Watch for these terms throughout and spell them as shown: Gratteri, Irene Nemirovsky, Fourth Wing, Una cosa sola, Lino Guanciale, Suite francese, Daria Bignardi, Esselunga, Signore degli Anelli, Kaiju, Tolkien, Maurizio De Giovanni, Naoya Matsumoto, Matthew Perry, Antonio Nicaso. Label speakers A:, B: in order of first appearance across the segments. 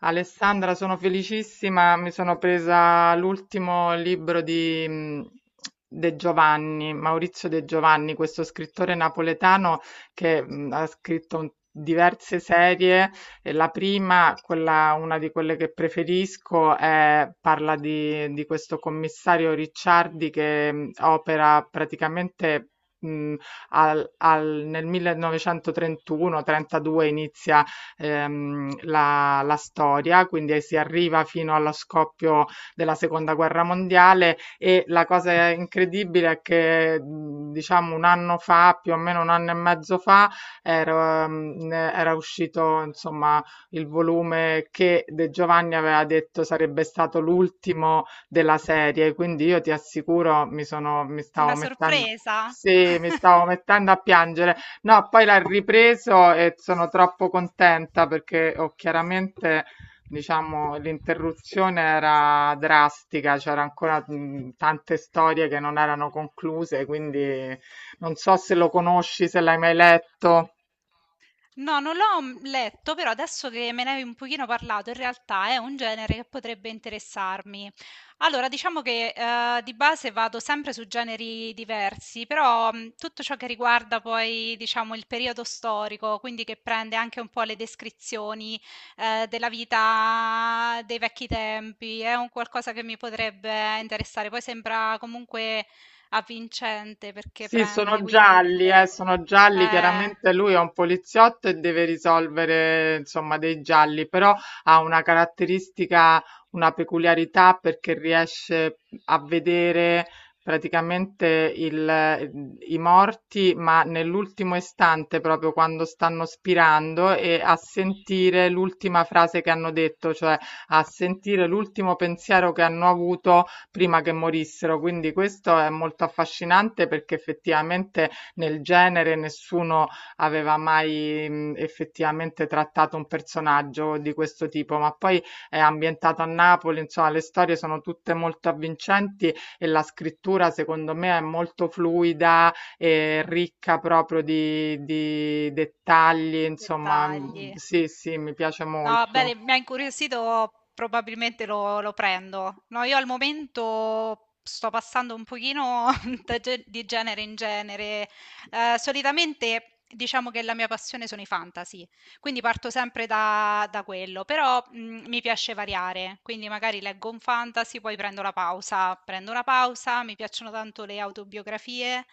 A: Alessandra, sono felicissima, mi sono presa l'ultimo libro di De Giovanni, Maurizio De Giovanni, questo scrittore napoletano che ha scritto diverse serie. E la prima, quella, una di quelle che preferisco, parla di questo commissario Ricciardi, che opera praticamente mh, nel 1931-32. Inizia la storia, quindi si arriva fino allo scoppio della seconda guerra mondiale. E la cosa incredibile è che diciamo un anno fa, più o meno un anno e mezzo fa, era uscito, insomma, il volume che De Giovanni aveva detto sarebbe stato l'ultimo della serie. Quindi, io ti assicuro, mi stavo
B: Una
A: mettendo,
B: sorpresa?
A: sì, mi stavo mettendo a piangere. No, poi l'ha ripreso e sono troppo contenta perché, ho chiaramente, diciamo, l'interruzione era drastica, c'era ancora tante storie che non erano concluse. Quindi non so se lo conosci, se l'hai mai letto.
B: No, non l'ho, letto, però adesso che me ne hai un pochino parlato, in realtà è un genere che potrebbe interessarmi. Allora, diciamo che, di base vado sempre su generi diversi, però, tutto ciò che riguarda poi, diciamo, il periodo storico, quindi che prende anche un po' le descrizioni, della vita dei vecchi tempi, è un qualcosa che mi potrebbe interessare. Poi sembra comunque avvincente perché
A: Sì,
B: prende
A: sono
B: quindi
A: gialli,
B: delle
A: sono gialli.
B: eh,
A: Chiaramente lui è un poliziotto e deve risolvere, insomma, dei gialli, però ha una caratteristica, una peculiarità, perché riesce a vedere praticamente il- i morti, ma nell'ultimo istante, proprio quando stanno spirando, e a sentire l'ultima frase che hanno detto, cioè a sentire l'ultimo pensiero che hanno avuto prima che morissero. Quindi questo è molto affascinante, perché effettivamente nel genere nessuno aveva mai effettivamente trattato un personaggio di questo tipo. Ma poi è ambientato a Napoli, insomma le storie sono tutte molto avvincenti e la scrittura, secondo me, è molto fluida e ricca proprio di dettagli, insomma,
B: Dettagli.
A: sì, sì, mi piace
B: No, bene,
A: molto,
B: mi ha incuriosito, probabilmente lo prendo. No, io al momento sto passando un pochino da di genere in genere. Solitamente diciamo che la mia passione sono i fantasy, quindi parto sempre da quello, però mi piace variare, quindi magari leggo un fantasy, poi prendo la pausa, prendo una pausa, mi piacciono tanto le autobiografie,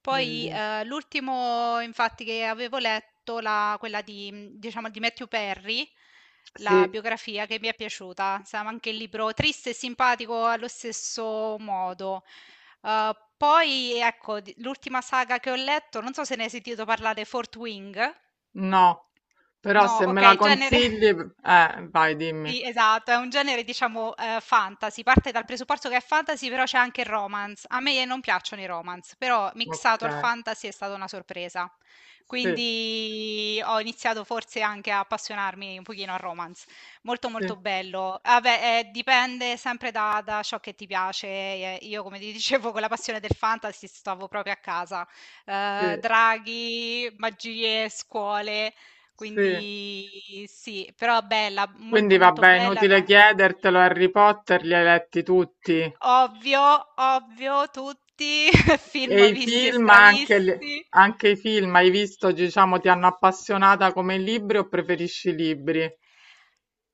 B: poi,
A: bellissimo.
B: l'ultimo infatti che avevo letto, la quella di diciamo di Matthew Perry, la
A: Sì.
B: biografia che mi è piaciuta. Stava anche il libro triste e simpatico allo stesso modo. Poi ecco, di l'ultima saga che ho letto, non so se ne hai sentito parlare, Fourth Wing?
A: No, però
B: No,
A: se me la
B: okay, genere
A: consigli, vai, dimmi.
B: Sì, esatto, è un genere diciamo, fantasy, parte dal presupposto che è fantasy, però c'è anche il romance. A me non piacciono i romance, però
A: Ok,
B: mixato al fantasy è stata una sorpresa.
A: sì,
B: Quindi ho iniziato forse anche a appassionarmi un pochino al romance. Molto,
A: sì,
B: molto bello. Ah beh, dipende sempre da ciò che ti piace. Io come ti dicevo con la passione del fantasy stavo proprio a casa.
A: sì,
B: Draghi, magie, scuole,
A: sì.
B: quindi sì, però bella,
A: Quindi
B: molto molto
A: vabbè,
B: bella,
A: inutile chiedertelo, Harry Potter li hai letti tutti.
B: ovvio, ovvio, tutti,
A: E
B: film
A: i
B: visti e
A: film, anche,
B: stravisti.
A: anche i film, hai visto, diciamo, ti hanno appassionata come i libri, o preferisci i libri?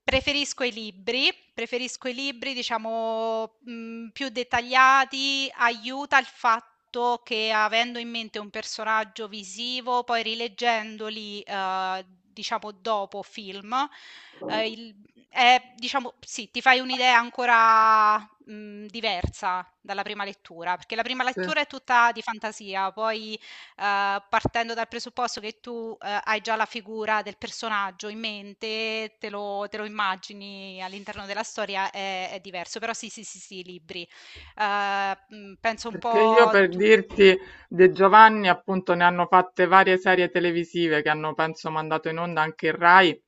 B: Preferisco i libri diciamo, più dettagliati, aiuta il fatto che avendo in mente un personaggio visivo, poi rileggendoli, diciamo dopo film, il è diciamo sì, ti fai un'idea ancora, diversa dalla prima lettura, perché la prima
A: Sì.
B: lettura è tutta di fantasia, poi partendo dal presupposto che tu, hai già la figura del personaggio in mente, te lo immagini all'interno della storia, è diverso. Però sì, sì, sì, sì, libri. Penso un
A: Perché, io
B: po'
A: per
B: tu
A: dirti, De Giovanni appunto ne hanno fatte varie serie televisive, che hanno, penso, mandato in onda anche il Rai.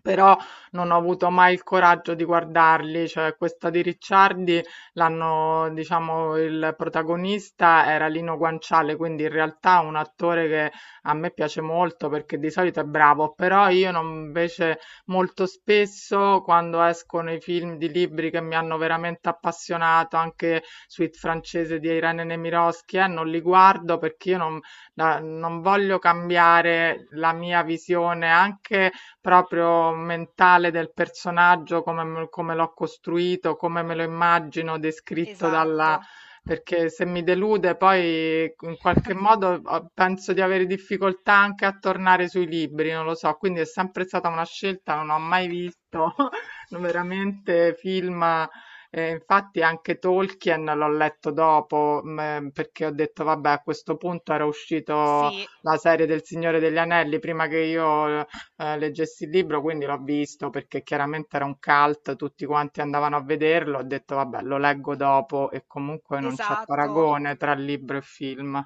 A: Però non ho avuto mai il coraggio di guardarli, cioè questa di Ricciardi l'hanno, diciamo, il protagonista era Lino Guanciale, quindi in realtà un attore che a me piace molto perché di solito è bravo, però io non, invece, molto spesso, quando escono i film di libri che mi hanno veramente appassionato, anche Suite francese di Irene Nemirovsky, non li guardo, perché io non, non voglio cambiare la mia visione anche proprio mentale del personaggio, come, come l'ho costruito, come me lo immagino descritto
B: Esatto.
A: dalla. Perché se mi delude poi in qualche modo, penso di avere difficoltà anche a tornare sui libri, non lo so. Quindi è sempre stata una scelta, non ho mai visto veramente film. Infatti anche Tolkien l'ho letto dopo, perché ho detto, vabbè, a questo punto era uscito
B: Sì,
A: la serie del Signore degli Anelli prima che io leggessi il libro, quindi l'ho visto perché chiaramente era un cult, tutti quanti andavano a vederlo, ho detto vabbè, lo leggo dopo, e comunque non c'è
B: esatto.
A: paragone tra libro e film.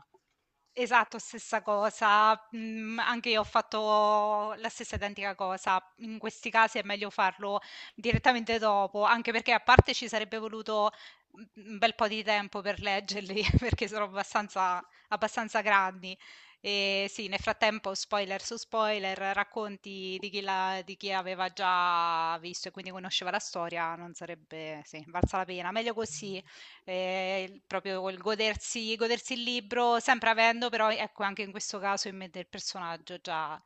B: Esatto, stessa cosa. Mhmm, anche io ho fatto la stessa identica cosa. In questi casi è meglio farlo direttamente dopo, anche perché a parte ci sarebbe voluto, mhmm, un bel po' di tempo per leggerli, perché sono abbastanza grandi. E sì, nel frattempo spoiler su spoiler, racconti di chi l'ha di chi aveva già visto e quindi conosceva la storia, non sarebbe sì, valsa la pena. Meglio così. Il proprio il godersi il libro, sempre avendo però, ecco, anche in questo caso in mente il personaggio già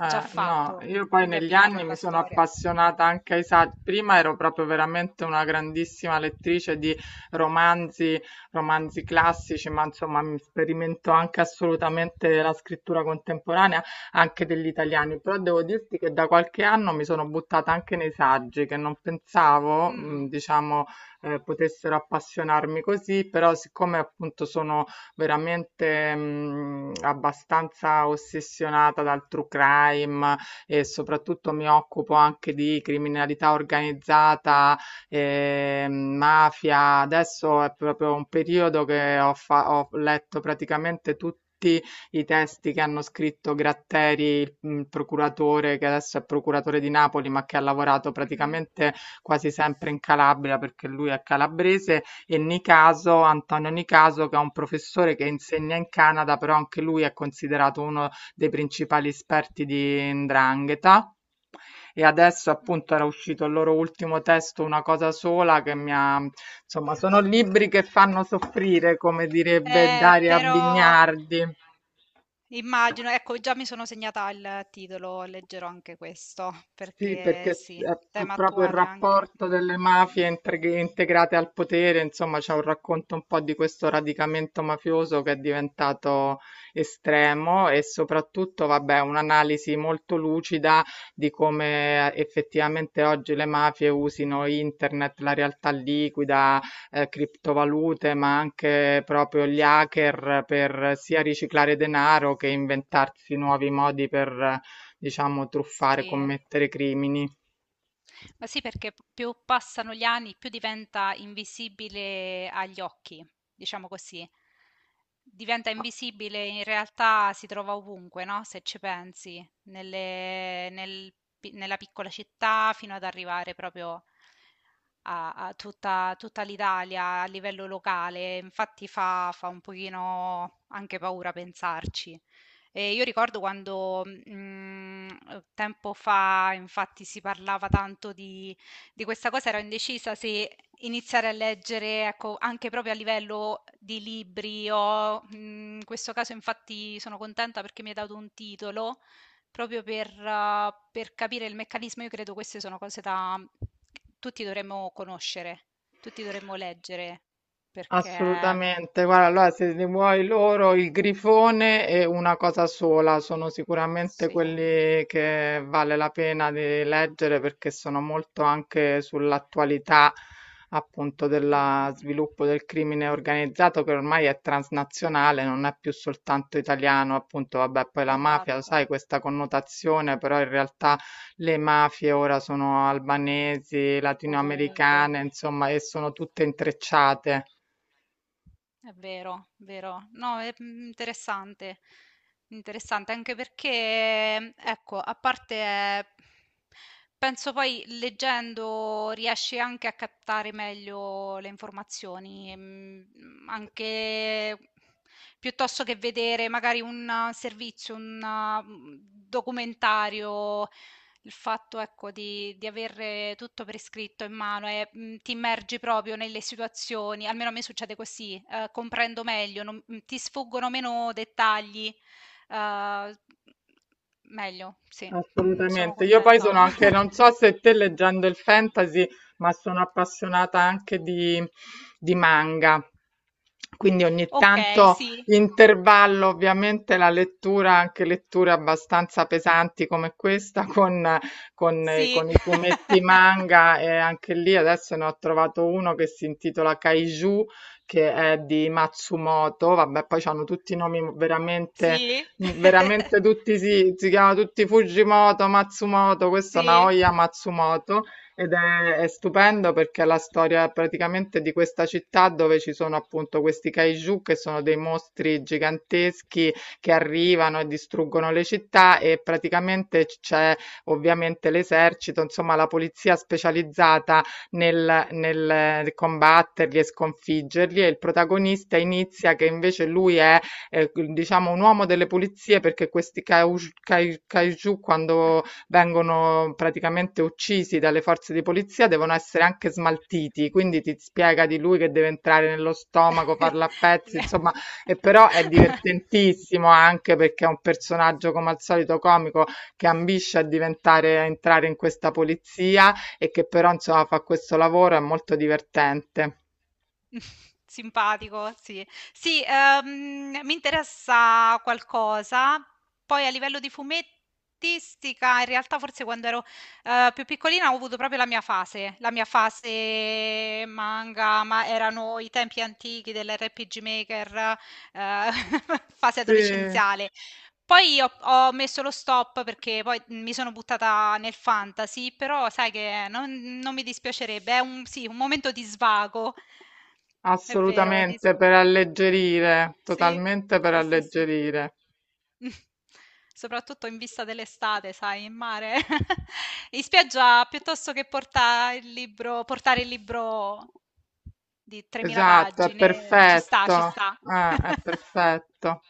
B: già
A: No,
B: fatto,
A: io poi
B: quindi
A: negli
B: abbinarlo
A: anni mi
B: alla
A: sono
B: storia.
A: appassionata anche ai saggi. Prima ero proprio veramente una grandissima lettrice di romanzi, romanzi classici, ma insomma mi sperimento anche assolutamente la scrittura contemporanea, anche degli italiani. Però devo dirti che da qualche anno mi sono buttata anche nei saggi, che non pensavo,
B: Mh.
A: diciamo, potessero appassionarmi così. Però, siccome appunto sono veramente abbastanza ossessionata dal true crime, e soprattutto mi occupo anche di criminalità organizzata, mafia. Adesso è proprio un periodo che ho letto praticamente tutti i testi che hanno scritto Gratteri, il procuratore, che adesso è procuratore di Napoli, ma che ha lavorato
B: Mh-mh.
A: praticamente quasi sempre in Calabria perché lui è calabrese, e Nicaso, Antonio Nicaso, che è un professore che insegna in Canada, però anche lui è considerato uno dei principali esperti di 'ndrangheta. E adesso,
B: Mh.
A: appunto, era uscito il loro ultimo testo, Una cosa sola, che mi ha. Insomma, sono libri che fanno soffrire, come direbbe Daria
B: Però
A: Bignardi.
B: immagino, ecco già mi sono segnata il titolo, leggerò anche questo,
A: Sì,
B: perché
A: perché
B: sì,
A: è
B: tema
A: proprio il
B: attuale anche.
A: rapporto delle mafie
B: Mh,
A: integrate al potere, insomma, c'è un racconto un po' di questo radicamento mafioso che è diventato estremo, e soprattutto, vabbè, un'analisi molto lucida di come effettivamente oggi le mafie usino internet, la realtà liquida, criptovalute, ma anche proprio gli hacker, per sia riciclare denaro che inventarsi nuovi modi per, diciamo, truffare,
B: sì.
A: commettere crimini.
B: Ma sì, perché p più passano gli anni, più diventa invisibile agli occhi, diciamo così. Diventa invisibile, in realtà si trova ovunque, no, se ci pensi, nel pi nella piccola città fino ad arrivare proprio a tutta l'Italia a livello locale. Infatti fa un pochino anche paura pensarci. Io ricordo quando, tempo fa infatti si parlava tanto di questa cosa, ero indecisa se iniziare a leggere, ecco, anche proprio a livello di libri o in questo caso infatti sono contenta perché mi hai dato un titolo, proprio per capire il meccanismo. Io credo queste sono cose da tutti dovremmo conoscere, tutti dovremmo leggere, perché
A: Assolutamente, guarda, allora se li vuoi loro, Il grifone è una cosa sola, sono sicuramente
B: sì, eh.
A: quelli che vale la pena di leggere perché sono molto anche sull'attualità, appunto,
B: Mm,
A: dello
B: mm, mm.
A: sviluppo del crimine organizzato, che ormai è transnazionale, non è più soltanto italiano. Appunto, vabbè, poi la mafia, lo
B: Esatto,
A: sai, questa connotazione, però in realtà le mafie ora sono albanesi,
B: ovunque.
A: latinoamericane, insomma, e sono tutte intrecciate.
B: È vero, vero. No, è mm, interessante. Interessante anche perché, ecco, a parte, penso poi leggendo riesci anche a captare meglio le informazioni, mm, anche piuttosto che vedere magari un servizio, un uh, documentario. Il fatto, ecco, di avere tutto per iscritto in mano e, ti immergi proprio nelle situazioni, almeno a me succede così, comprendo meglio, non mhmm, ti sfuggono meno dettagli, ehm, meglio, sì, sono
A: Assolutamente. Io poi sono
B: contenta.
A: anche, non so se te leggendo il fantasy, ma sono appassionata anche di manga. Quindi ogni
B: Okay,
A: tanto
B: sì.
A: intervallo ovviamente la lettura, anche letture abbastanza pesanti come questa, con, con,
B: Sì,
A: con i fumetti manga, e anche lì adesso ne ho trovato uno che si intitola Kaiju, che è di Matsumoto. Vabbè, poi hanno tutti i nomi veramente,
B: sì,
A: veramente tutti, si chiamano tutti Fujimoto, Matsumoto, questo
B: sì.
A: Naoya Matsumoto, ed è stupendo, perché è la storia praticamente di questa città dove ci sono, appunto, questi kaiju, che sono dei mostri giganteschi che arrivano e distruggono le città, e praticamente c'è ovviamente l'esercito, insomma la polizia specializzata nel combatterli e sconfiggerli, e il protagonista inizia che invece lui è, diciamo, un uomo delle pulizie, perché questi kaiju, quando vengono praticamente uccisi dalle forze di polizia, devono essere anche smaltiti, quindi ti spiega di lui che deve entrare nello stomaco, farlo a pezzi, insomma, e però è divertentissimo, anche perché è un personaggio, come al solito, comico, che ambisce a diventare, a entrare in questa polizia, e che però, insomma, fa questo lavoro, è molto divertente.
B: Simpatico, sì. Sì, mi interessa qualcosa. Poi a livello di fumettistica, in realtà forse quando ero, più piccolina ho avuto proprio la mia fase manga, ma erano i tempi antichi dell'RPG Maker, ehm, fase
A: Sì,
B: adolescenziale. Poi ho messo lo stop perché poi mi sono buttata nel fantasy, però sai che non mi dispiacerebbe, è un, sì, un momento di svago, è vero,
A: assolutamente, per alleggerire,
B: sì,
A: totalmente per
B: sì, sì, sì.
A: alleggerire.
B: Soprattutto in vista dell'estate, sai, in mare, in spiaggia piuttosto che portare il libro di 3.000
A: Esatto, è
B: pagine, ci sta, ci
A: perfetto,
B: sta.
A: è perfetto.